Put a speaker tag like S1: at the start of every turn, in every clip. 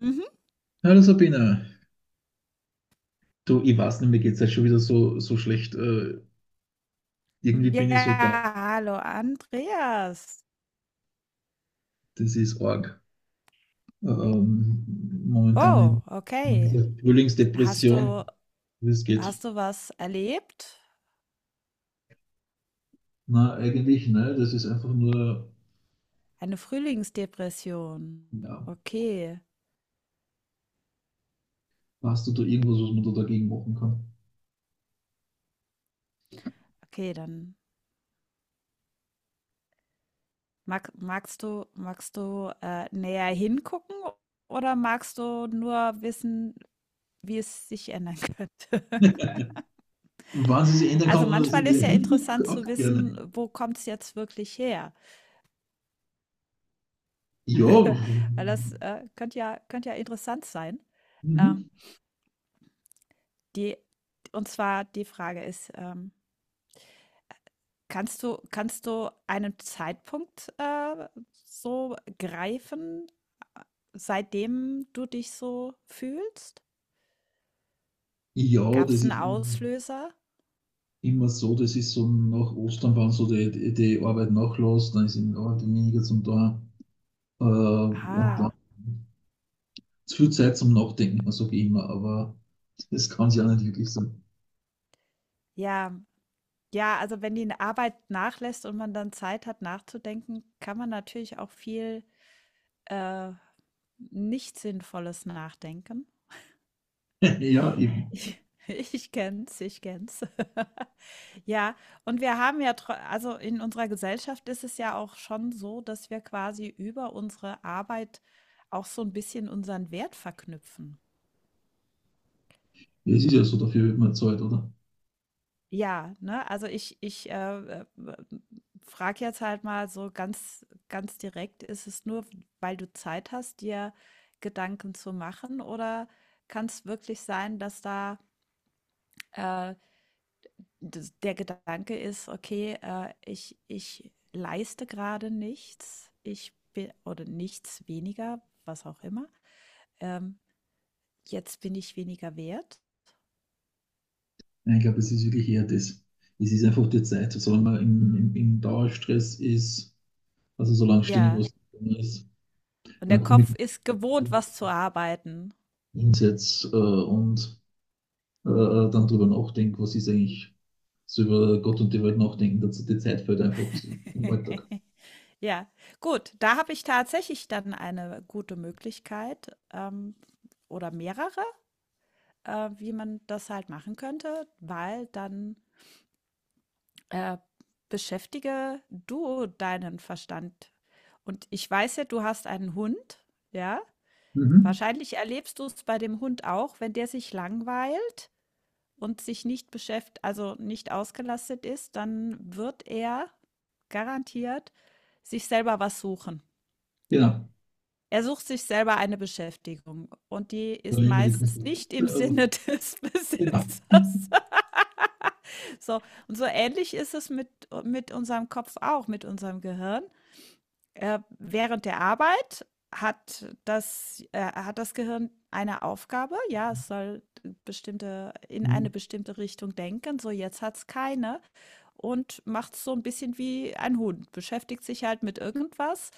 S1: Mhm.
S2: Hallo Sabina, du, ich weiß nicht, mir geht es jetzt schon wieder so, so schlecht. Irgendwie bin ich so da.
S1: Ja, hallo Andreas.
S2: Das ist arg. Ähm, Momentan
S1: Oh,
S2: in
S1: okay.
S2: dieser
S1: Hast
S2: Frühlingsdepression,
S1: du,
S2: wie es geht.
S1: hast du was erlebt?
S2: Na, eigentlich, ne? Das ist einfach nur,
S1: Eine Frühlingsdepression.
S2: ja,
S1: Okay,
S2: hast du da irgendwas, was man da dagegen machen kann?
S1: okay, dann magst du näher hingucken oder magst du nur wissen, wie es sich ändern könnte?
S2: Wann sie sich ändern kann,
S1: Also
S2: oder dass ich
S1: manchmal ist
S2: nicht
S1: ja
S2: hingucke,
S1: interessant
S2: auch
S1: zu wissen,
S2: gerne.
S1: wo kommt es jetzt wirklich her?
S2: Ja,
S1: Weil das könnte könnte ja interessant sein. Ähm,
S2: mhm.
S1: Die und zwar die Frage ist, kannst du einen Zeitpunkt, so greifen, äh, seitdem du dich so fühlst?
S2: Ja,
S1: Gab
S2: das
S1: es einen
S2: ist
S1: Auslöser?
S2: immer so, das ist so nach Ostern, wenn so die Arbeit nachlässt, dann ist eben Arbeit weniger zum da, und dann
S1: Ah,
S2: zu viel Zeit zum Nachdenken, sage ich immer, aber das kann es ja nicht wirklich sein.
S1: ja. Ja, also, wenn die Arbeit nachlässt und man dann Zeit hat, nachzudenken, kann man natürlich auch viel, äh, nicht Sinnvolles nachdenken.
S2: Ja, eben.
S1: Ich kenne es, ich kenne Ja, und wir haben ja, tro also in unserer Gesellschaft ist es ja auch schon so, dass wir quasi über unsere Arbeit auch so ein bisschen unseren Wert verknüpfen.
S2: Es ist ja so, dafür wird man Zeit, oder?
S1: Ja, ne? Also ich, frage jetzt halt mal so ganz ganz direkt, ist es nur, weil du Zeit hast, dir Gedanken zu machen, oder kann es wirklich sein, dass da, äh, das der Gedanke ist: „Okay, ich leiste gerade nichts. Ich bin oder nichts weniger, was auch immer. Ähm, jetzt bin ich weniger wert.“
S2: Nein, ich glaube, es ist wirklich eher das. Es ist einfach die Zeit. Solange man im Dauerstress ist, also solange ständig
S1: Ja,
S2: was zu tun ist,
S1: und der
S2: dann komme ich
S1: Kopf ist gewohnt, was zu arbeiten.
S2: hinsetze und dann drüber nachdenke, was ist eigentlich, so über Gott und die Welt nachdenken, dass die Zeit fällt einfach so im Alltag.
S1: Ja, gut, da habe ich tatsächlich dann eine gute Möglichkeit, oder mehrere, wie man das halt machen könnte, weil dann Äh, beschäftige du deinen Verstand. Und ich weiß ja, du hast einen Hund, ja?
S2: Mhm.
S1: Wahrscheinlich erlebst du es bei dem Hund auch, wenn der sich langweilt und sich nicht beschäftigt, also nicht ausgelastet ist, dann wird er garantiert sich selber was suchen.
S2: Genau.
S1: Er sucht sich selber eine Beschäftigung und die
S2: Dann
S1: ist
S2: immer die
S1: meistens
S2: Konflikte.
S1: nicht im Sinne des
S2: Genau.
S1: Besitzers. So, und so ähnlich ist es mit unserem Kopf auch, mit unserem Gehirn. Während der Arbeit hat das Gehirn eine Aufgabe. Ja, es soll bestimmte in eine
S2: Mhm.
S1: bestimmte Richtung denken. So, jetzt hat es keine und macht's so ein bisschen wie ein Hund, beschäftigt sich halt mit irgendwas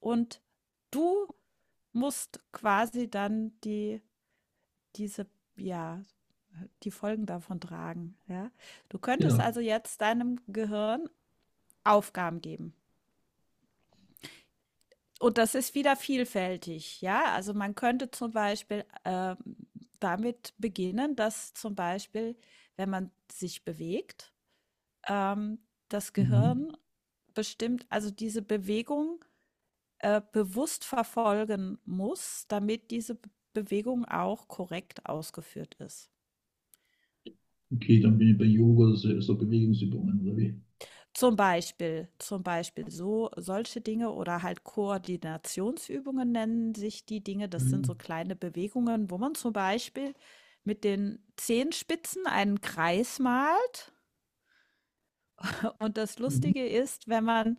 S1: und du musst quasi dann die diese ja, die Folgen davon tragen, ja? Du könntest
S2: Genau.
S1: also jetzt deinem Gehirn Aufgaben geben. Und das ist wieder vielfältig, ja. Also man könnte zum Beispiel damit beginnen, dass zum Beispiel, wenn man sich bewegt, ähm, das
S2: Mhm.
S1: Gehirn bestimmt, also diese Bewegung bewusst verfolgen muss, damit diese Bewegung auch korrekt ausgeführt ist.
S2: Okay, dann bin ich bei Yoga, also so Bewegungsübungen oder wie?
S1: Zum Beispiel so solche Dinge oder halt Koordinationsübungen nennen sich die Dinge. Das sind so
S2: Mhm.
S1: kleine Bewegungen, wo man zum Beispiel mit den Zehenspitzen einen Kreis malt. Und das
S2: Mhm.
S1: Lustige ist,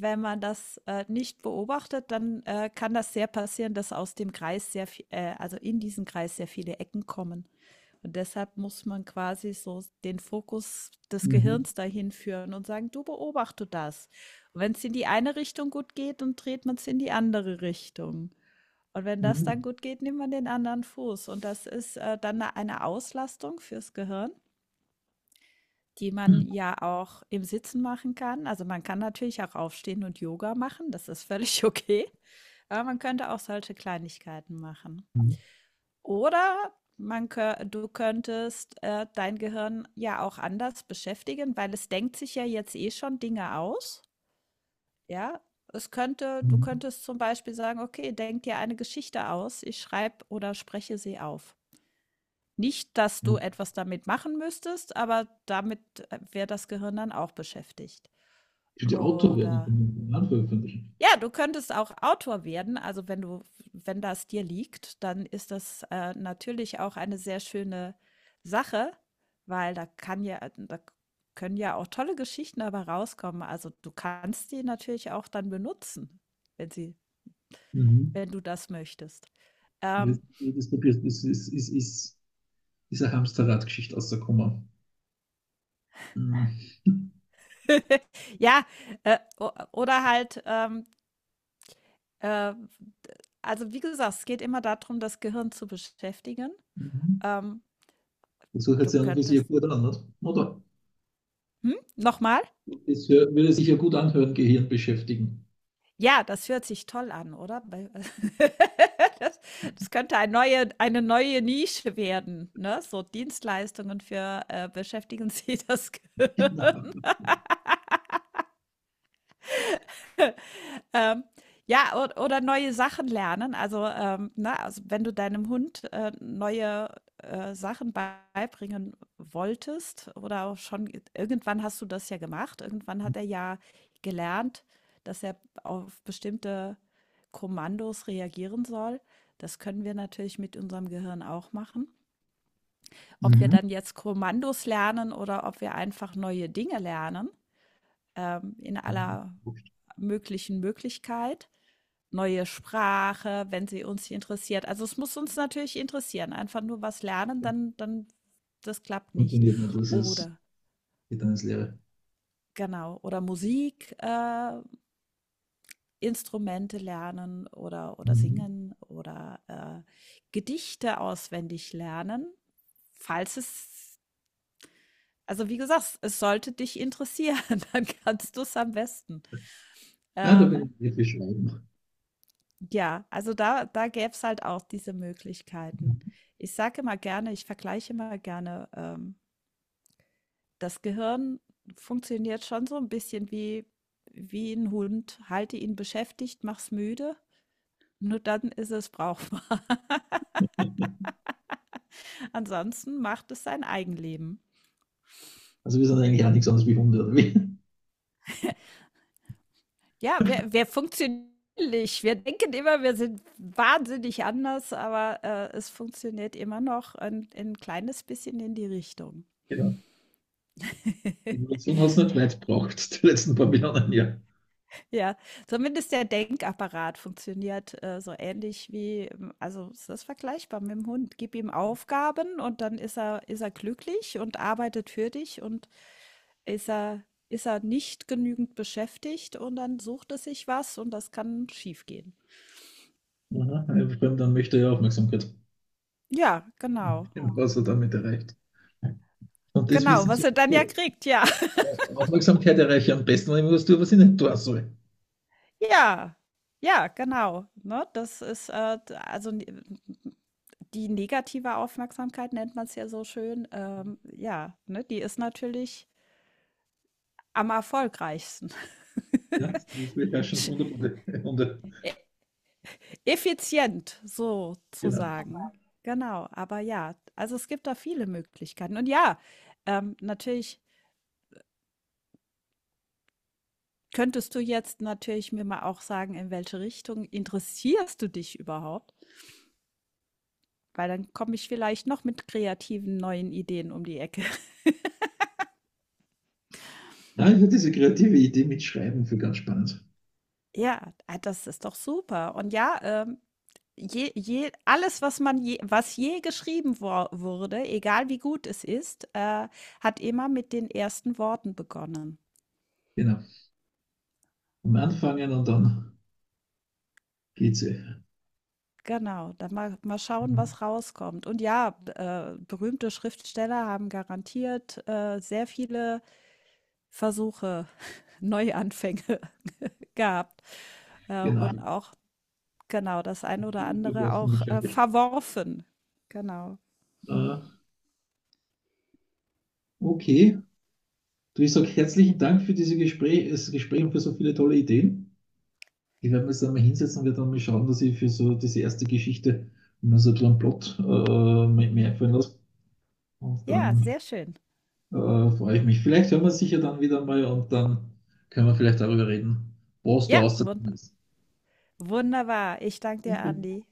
S1: wenn man das, nicht beobachtet, dann, kann das sehr passieren, dass aus dem Kreis sehr vie also in diesen Kreis sehr viele Ecken kommen. Und deshalb muss man quasi so den Fokus des
S2: Mhm.
S1: Gehirns dahin führen und sagen: „Du, beobachte das.“ Und wenn es in die eine Richtung gut geht, dann dreht man es in die andere Richtung. Und wenn das dann
S2: Mhm.
S1: gut geht, nimmt man den anderen Fuß. Und das ist, dann 'ne eine Auslastung fürs Gehirn, die man ja auch im Sitzen machen kann. Also man kann natürlich auch aufstehen und Yoga machen, das ist völlig okay. Aber man könnte auch solche Kleinigkeiten machen.
S2: Mhm.
S1: Oder du könntest dein Gehirn ja auch anders beschäftigen, weil es denkt sich ja jetzt eh schon Dinge aus. Ja, es könnte, du
S2: Mhm.
S1: könntest zum Beispiel sagen, okay, denk dir eine Geschichte aus, ich schreibe oder spreche sie auf. Nicht, dass du
S2: Ja.
S1: etwas damit machen müsstest, aber damit wäre das Gehirn dann auch beschäftigt.
S2: Für die Autor werde ich
S1: Oder
S2: den Roman veröffentlichen.
S1: ja, du könntest auch Autor werden. Also wenn du, wenn das dir liegt, dann ist das natürlich auch eine sehr schöne Sache, weil da kann ja, da können ja auch tolle Geschichten dabei rauskommen. Also du kannst die natürlich auch dann benutzen, wenn sie,
S2: Mhm.
S1: wenn du das möchtest.
S2: Das,
S1: Ähm,
S2: das, das ist eine Hamsterrad-Geschichte aus der Komma. Mhm.
S1: ja, oder halt, Äh, also, wie gesagt, es geht immer darum, das Gehirn zu beschäftigen.
S2: Mhm.
S1: Ähm,
S2: Das hört
S1: du
S2: sich an und für sich ja
S1: könntest
S2: gut an, nicht, oder?
S1: hm? Noch mal?
S2: Das würde sich ja gut anhören, Gehirn beschäftigen.
S1: Ja, das hört sich toll an, oder? Bei das das könnte eine neue Nische werden, ne? So Dienstleistungen für, beschäftigen Sie das Gehirn.
S2: Ja.
S1: Ähm, ja, oder neue Sachen lernen. Also, na, also wenn du deinem Hund neue Sachen beibringen wolltest oder auch schon irgendwann hast du das ja gemacht, irgendwann hat er ja gelernt, dass er auf bestimmte Kommandos reagieren soll. Das können wir natürlich mit unserem Gehirn auch machen. Ob wir
S2: Mhm.
S1: dann jetzt Kommandos lernen oder ob wir einfach neue Dinge lernen, in aller möglichen Möglichkeit. Neue Sprache, wenn sie uns interessiert. Also es muss uns natürlich interessieren. Einfach nur was lernen, dann das klappt nicht.
S2: Funktioniert nicht, das ist,
S1: Oder
S2: geht dann ins Leere.
S1: genau, oder Musik, Instrumente lernen oder
S2: Mhm.
S1: singen oder äh, Gedichte auswendig lernen, falls es, also wie gesagt, es sollte dich interessieren, dann kannst du es am besten.
S2: Nein, da bin
S1: Ähm,
S2: ich eher für Schweigen.
S1: Ja, also da gäb's halt auch diese Möglichkeiten. Ich vergleiche immer gerne, das Gehirn funktioniert schon so ein bisschen wie ein Hund. Halte ihn beschäftigt, mach's müde, nur dann ist es brauchbar. Ansonsten macht es sein Eigenleben.
S2: Also wir sind eigentlich auch nichts anderes wie Hunde, oder wie?
S1: Ja, wir funktionieren nicht. Wir denken immer, wir sind wahnsinnig anders, aber, es funktioniert immer noch ein kleines bisschen in die Richtung.
S2: Genau. Evolution hat es nicht weit gebraucht, die letzten paar Millionen Jahre.
S1: Ja, zumindest der Denkapparat funktioniert, so ähnlich wie, also es ist vergleichbar mit dem Hund. Gib ihm Aufgaben und dann ist er glücklich und arbeitet für dich und ist er, ist er nicht genügend beschäftigt und dann sucht er sich was und das kann schiefgehen.
S2: Aha, ein Fremder möchte er ja Aufmerksamkeit.
S1: Ja, genau.
S2: Was er damit erreicht. Und das
S1: Genau,
S2: wissen
S1: was
S2: sie
S1: er dann ja
S2: gut.
S1: kriegt, ja.
S2: Ja, Aufmerksamkeit erreiche ich am besten, wenn ich was tue, was ich nicht tun soll.
S1: Ja. Ja, genau. Ne, das ist also n- die negative Aufmerksamkeit nennt man es ja so schön, ja, ne, die ist natürlich am erfolgreichsten.
S2: Ja, beherrschen wunderbar. Wunder.
S1: Effizient, so zu
S2: Genau.
S1: sagen. Genau, aber ja, also es gibt da viele Möglichkeiten. Und ja, natürlich könntest du jetzt natürlich mir mal auch sagen, in welche Richtung interessierst du dich überhaupt? Weil dann komme ich vielleicht noch mit kreativen neuen Ideen um die Ecke.
S2: Nein, ich finde diese kreative Idee mit Schreiben für ganz spannend.
S1: Ja, ah, das ist doch super. Und ja, je je alles, was man je geschrieben wor wurde, egal wie gut es ist, hat immer mit den ersten Worten begonnen.
S2: Genau. Am Anfangen und dann geht sie.
S1: Genau, dann mal schauen,
S2: Mhm.
S1: was rauskommt. Und ja, b berühmte Schriftsteller haben garantiert, sehr viele Versuche, Neuanfänge gehabt, und
S2: Genau.
S1: auch genau, das eine oder
S2: Äh,
S1: andere auch, verworfen. Genau.
S2: okay. Du, ich sage herzlichen Dank für dieses Gespräch, das Gespräch und für so viele tolle Ideen. Ich werde mir jetzt einmal hinsetzen und werde dann mal schauen, dass ich für so diese erste Geschichte mal so einen Plot mir einfallen lasse. Und
S1: Ja,
S2: dann
S1: sehr schön.
S2: äh, freue ich mich. Vielleicht hören wir uns sicher dann wieder mal und dann können wir vielleicht darüber reden, was da
S1: Ja,
S2: rausgekommen ist.
S1: wunderbar. Ich danke dir,
S2: Okay.
S1: Andi.